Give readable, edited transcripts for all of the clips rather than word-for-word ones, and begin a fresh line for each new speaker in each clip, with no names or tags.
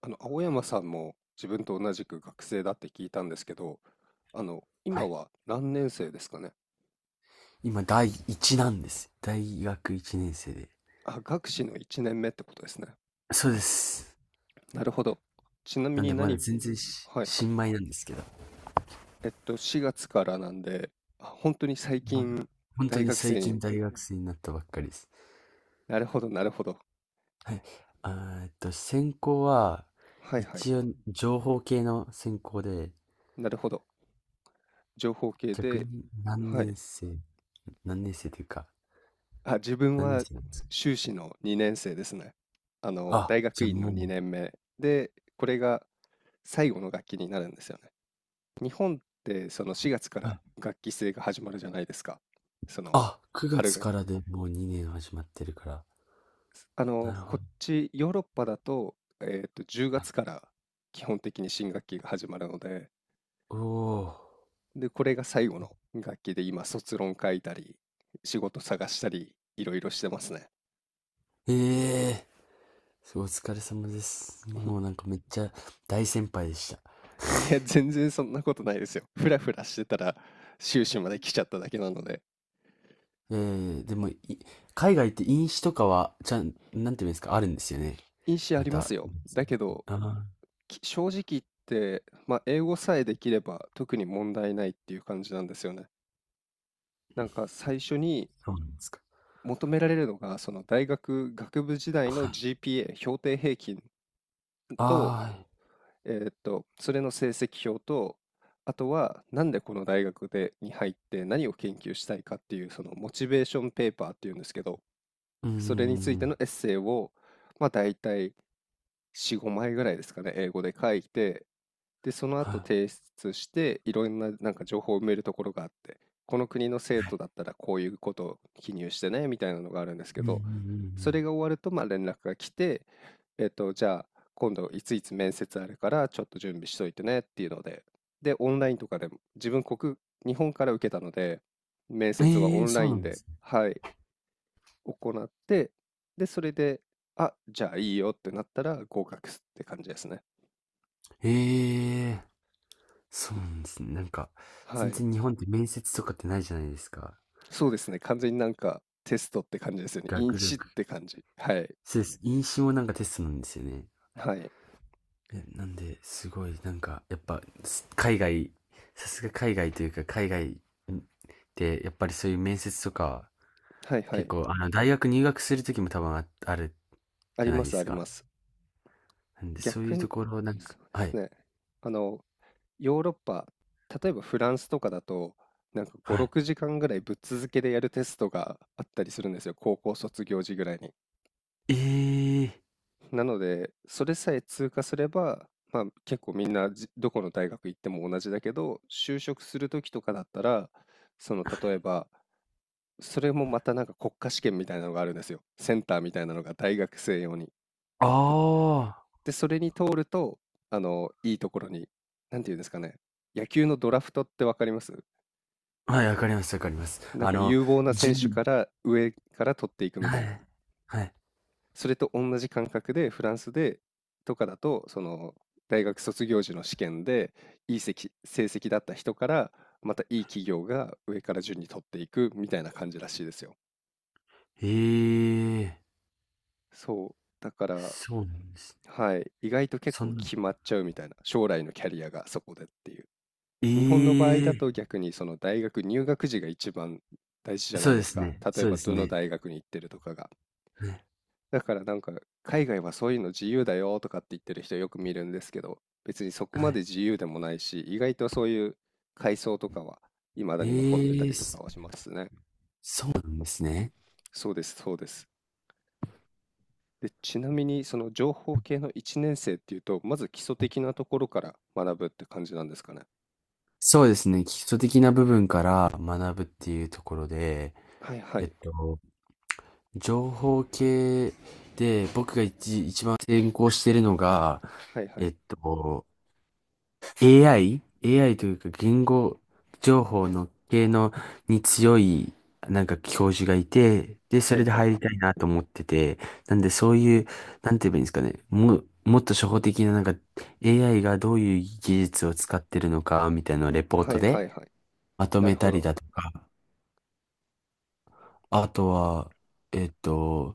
青山さんも自分と同じく学生だって聞いたんですけど、
は
今
い。
は何年生ですかね。
今、第1なんです。大学1年生で。
あ、学士の1年目ってことですね。
そうです。
なるほど。ちなみ
なん
に
で、まだ
何、
全然
はいはい。
新米なんですけど。
4月からなんで、あ、本当に最
まだ、
近
本当
大
に
学
最
生に、
近大学生になったばっかりです。
なるほど、なるほど。
はい。あ専攻は、
はいはい。
一応、情報系の専攻で、
なるほど。情報系
逆
で、
に
はい。
何年生というか、
あ、自分
何年
は
生なんですか？
修士の2年生ですね。
あ、
大
じ
学
ゃあ
院の
もう、
2年目で、これが最後の学期になるんですよね。日本ってその4月か
は
ら
い。
学期制が始まるじゃないですか。その
あ、9
春
月
学期。
からでもう2年始まってるから。な
こ
る
っちヨーロッパだと、10月から基本的に新学期が始まるので、
ほど。おー。
で、これが最後の学期で今卒論書いたり、仕事探したり、いろいろしてますね。
ええ、すごいお疲れ様です。もうなんかめっちゃ大先輩でした。
いや、全然そんなことないですよ。ふらふらしてたら修士まで来ちゃっただけなので。
でも、海外って飲酒とかは、ちゃん、なんていうんですか、あるんですよね。
印紙あ
ま
りま
た。
すよ。だけど、
ああ、
正直言って、まあ、英語さえできれば特に問題ないっていう感じなんですよね。なんか最初に
そうなんですか。
求められるのが、その大学学部時代
は
の
い。
GPA、評定平均と、
ああ、
それの成績表と、あとはなんでこの大学でに入って何を研究したいかっていうそのモチベーションペーパーっていうんですけど、
うー
それについて
ん、
のエッセイを、まあ、大体4、5枚ぐらいですかね、英語で書いて、で、その後
は
提出して、いろんななんか情報を埋めるところがあって、この国の生徒だったらこういうことを記入してね、みたいなのがあるんですけ
い。うんう
ど、
ん
それが終わると、まあ連絡が来て、じゃあ、今度いついつ面接あるから、ちょっと準備しといてねっていうので、で、オンラインとかでも、自分国、日本から受けたので、面
うんうん。
接は
ええ
オ
ー、
ンラ
そう
イ
な
ン
んで
で、
すね。
はい、行って、で、それで、あ、じゃあいいよってなったら合格って感じですね。
ええー、そうなんですね。なんか、
は
全
い。
然日本って面接とかってないじゃないですか。
そうですね。完全になんかテストって感じですよね。イン
学力。
チって感じ。はい。
そうです。飲酒もなんかテストなんですよね。
はい。
いや、なんで、すごい、なんか、やっぱ、海外、さすが海外というか、海外で、やっぱりそういう面接とか、
はいは
結
い。
構、あの、大学入学するときも多分ある
あ
じ
り
ゃな
ま
いで
す
す
あり
か。
ます。
なんで、そうい
逆
うと
に、
ころ、なんか、
そうで
は
す
い、
ね。あの、ヨーロッパ、例えばフランスとかだと、なんか
は
5、
い。
6時間ぐらいぶっ続けでやるテストがあったりするんですよ。高校卒業時ぐらいに。
えー
なので、それさえ通過すれば、まあ、結構みんなどこの大学行っても同じだけど、就職する時とかだったら、その例えば、それもまたなんか国家試験みたいなのがあるんですよ。センターみたいなのが大学生用に。
あ
で、それに通ると、いいところに、なんていうんですかね、野球のドラフトってわかります、
あー、はい、わかります、わかります。
なん
あ
か
の、
有望な
じ
選
ゅ
手
ん、
から上から取っていくみた
は
いな。
い、はい。
それと同じ感覚でフランスでとかだとその大学卒業時の試験でいい成績だった人からまたいい企業が上から順に取っていくみたいな感じらしいですよ。
えー
そうだから、
そうなんですね。
はい、意外と結
そ
構
んな、
決まっちゃうみたいな、将来のキャリアがそこでっていう。
え
日本の場合だ
ー
と逆にその大学入学時が一番大事じゃな
そ
い
うで
です
す
か。
ね、
例え
そうで
ば
す
どの
ね。
大学に行ってるとかが。
は
だからなんか海外はそういうの自由だよとかって言ってる人よく見るんですけど、別にそこまで
い、
自由でもないし、意外とそういう階層とかは未だに残ってた
ええ、
りとかはしますね。
そうなんですね。
そうです、そうです。で、ちなみにその情報系の1年生っていうと、まず基礎的なところから学ぶって感じなんですかね。
そうですね。基礎的な部分から学ぶっていうところで、
はいは
えっ
い、
と、情報系で僕が一番専攻しているのが、
はいは
え
い、
っと、AI?AI というか言語情報の系のに強いなんか教授がいて、で、そ
はい
れで
はい、
入りたいなと思ってて、なんでそういう、なんて言えばいいんですかね、もっと初歩的ななんか AI がどういう技術を使ってるのかみたいなのをレポー
は
ト
いは
で
いはい。
まと
な
め
るほ
たり
ど。
だとか、あとは、えっと、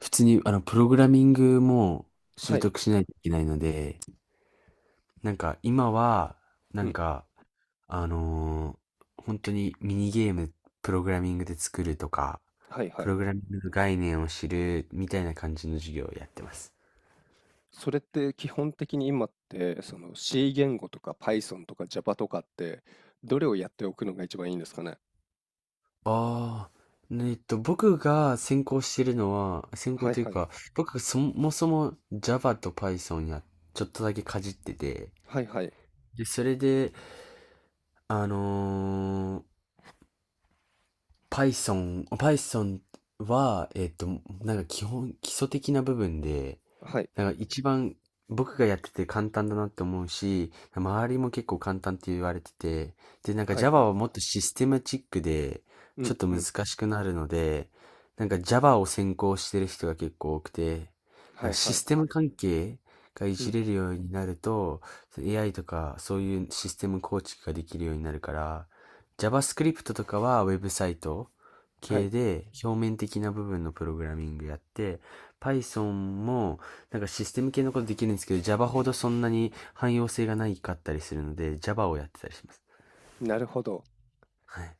普通にあのプログラミングも
は
習
い、
得しないといけないので、なんか今は、な
う
ん
ん、
か、あのー本当にミニゲーム、プログラミングで作るとか、
はいは
プ
い。
ログラミングの概念を知るみたいな感じの授業をやってます。
それって基本的に今って、その C 言語とか Python とか Java とかって、どれをやっておくのが一番いいんですかね。
ああ、ねえっと、僕が専攻してるのは、専攻
はい
という
はい。
か、僕がそもそも Java と Python やちょっとだけかじってて、
はいはい。
で、それで、あのー Python は、なんか基礎的な部分で、
はい。
なんか一番僕がやってて簡単だなって思うし、周りも結構簡単って言われてて、で、なんか
はいは
Java
い。
はもっとシステマチックで、
う
ちょ
ん
っと
う
難
ん。
しくなるので、なんか Java を専攻してる人が結構多くて、
は
なん
い
か
は
シ
い。
ステム関係がい
う
じ
ん。
れるようになると、AI とかそういうシステム構築ができるようになるから、JavaScript とかはウェブサイト
は
系
い。
で表面的な部分のプログラミングやって、Python もなんかシステム系のことできるんですけど、Java ほどそんなに汎用性がないかったりするので、Java をやってたりします。
なるほど。
はい。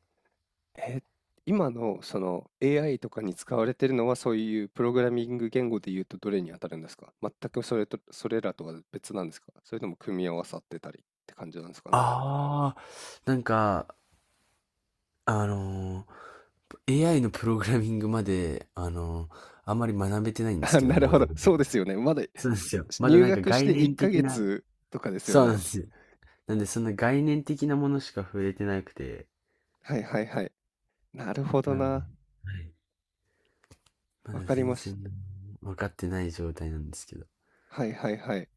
えー、今のその AI とかに使われてるのはそういうプログラミング言語で言うとどれに当たるんですか、全くそれと、それらとは別なんですか、それとも組み合わさってたりって感じなんですかね。
あなんか、あのー AI のプログラミングまで、あんまり学べてないんで す
あ、
けど、
なる
モ
ほ
デ
ど。
ルと
そう
か。
ですよね。まだ
そうなんですよ。まだ
入
なんか
学し
概
て1
念的
ヶ
な、
月とかですよ
そうなんで
ね。
すよ。なんでそんな概念的なものしか触れてなくて、
はいはいはい。なるほど
なんで、は
な。
い。まだ
わかり
全
まし
然分かってない状態なんですけど。
た。はいはいはい。へ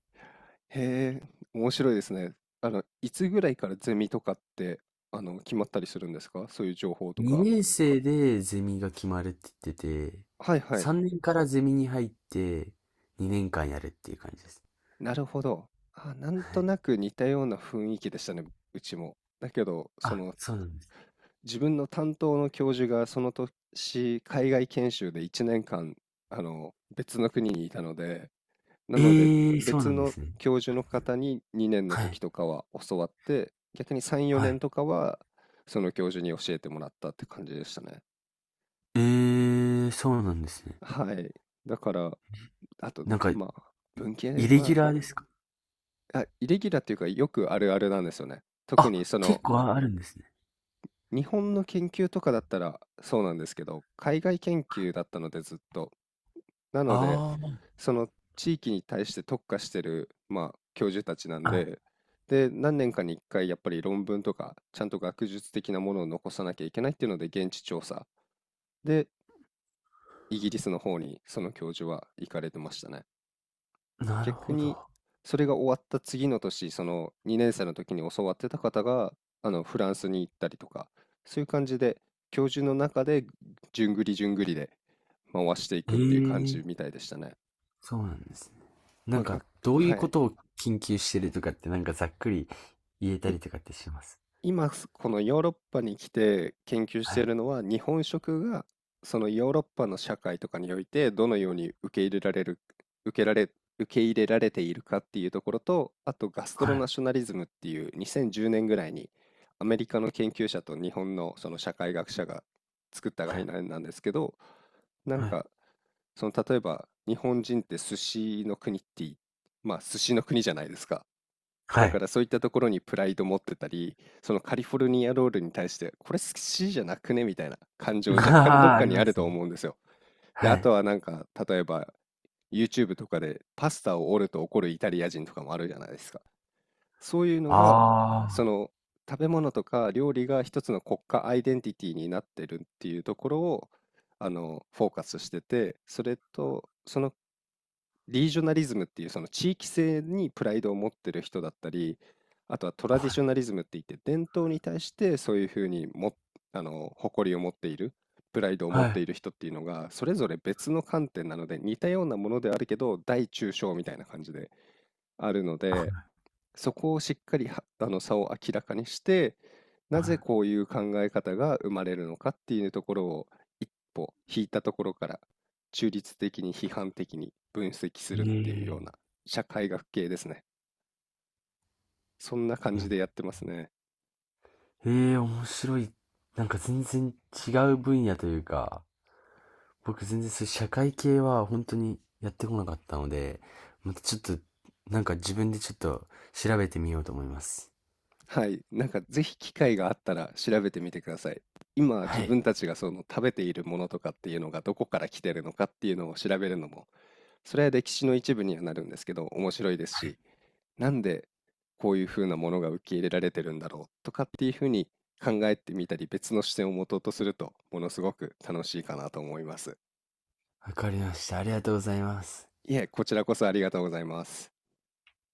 え、面白いですね。いつぐらいからゼミとかって、決まったりするんですか、そういう情報とか。
2年生でゼミが決まるって言ってて、
はいはい。
3年からゼミに入って2年間やるっていう感じです。
なるほど。あ、なん
は
と
い。
なく似たような雰囲気でしたね、うちも。だけど、そ
あ、
の、
そうなんです。
自分の担当の教授がその年、海外研修で1年間、別の国にいたので、な
え
ので
ー、そう
別
なんで
の
すね。
教授の方に2年の
は
時
い。
とかは教わって、逆に3、
は
4
い。
年とかはその教授に教えてもらったって感じでしたね。
えー、そうなんですね。
はい。だから、あと、
なんか、
まあ、文系
イレギ
は、
ュラーですか？
あ、イレギュラーっていうかよくあるあるなんですよね。特に
あ、
そ
結
の
構あるんですね。
日本の研究とかだったらそうなんですけど、海外研究だったのでずっと。なので、
あ
その地域に対して特化してる、まあ、教授たちなん
あ、
で、で、何年かに1回やっぱり論文とか、ちゃんと学術的なものを残さなきゃいけないっていうので、現地調査で、イギリスの方にその教授は行かれてましたね。
あ、なる
逆
ほ
に、
ど。
それが終わった次の年、その2年生の時に教わってた方が、フランスに行ったりとか、そういう感じで、教授の中で、じゅんぐりじゅんぐりで回していくっ
え
ていう感じみ
え、
たいでしたね。
そうなんですね。なん
まあ、
か、
が、
どうい
は
うこ
い。
とを研究してるとかって、なんかざっくり言えたりとかってします？
今、このヨーロッパに来て研究し
は
てい
い。
るのは、日本食がそのヨーロッパの社会とかにおいてどのように受けられ、受け入れられているかっていうところと、あとガスト
は
ロナ
い。
ショナリズムっていう2010年ぐらいにアメリカの研究者と日本のその社会学者が作った
は
概
い。
念なんですけど、なん
はい。
かその例えば日本人って寿司の国っていまあ寿司の国じゃないですか。
は
だか
い。
らそういったところにプライド持ってたり、そのカリフォルニアロールに対して、これ好きじゃなくねみたいな感情 若干どっ
ああ、あ
か
り
にあ
ま
る
す
と
ね。
思うんですよ。で、
は
あと
い。
はなんか、例えば YouTube とかでパスタを折ると怒るイタリア人とかもあるじゃないですか。そういうの
あ
が、その食べ物とか料理が一つの国家アイデンティティになってるっていうところを、フォーカスしてて、それと、そのリージョナリズムっていうその地域性にプライドを持ってる人だったり、あとはトラディショナリズムって言って伝統に対してそういうふうにも、誇りを持っている、プライドを
あ、
持っ
は
ている
い。
人っていうのが、それぞれ別の観点なので似たようなものであるけど、大中小みたいな感じであるので、
あ、
そこをしっかりは差を明らかにして、なぜ
は
こういう考え方が生まれるのかっていうところを一歩引いたところから中立的に批判的に分析す
い。
るっていう
え
よう
え、
な社会学系ですね。そんな感じでやってますね。
ええ、面白い。なんか全然違う分野というか、僕全然そういう社会系は本当にやってこなかったので、またちょっと、なんか自分でちょっと調べてみようと思います。
はい、なんかぜひ機会があったら調べてみてください。今自
はい、
分たちがその食べているものとかっていうのがどこから来てるのかっていうのを調べるのも、それは歴史の一部にはなるんですけど面白いですし、なんでこういうふうなものが受け入れられてるんだろうとかっていうふうに考えてみたり別の視点を持とうとするとものすごく楽しいかなと思います。
わかりました。ありがとうございます。
いえ、こちらこそありがとうございます。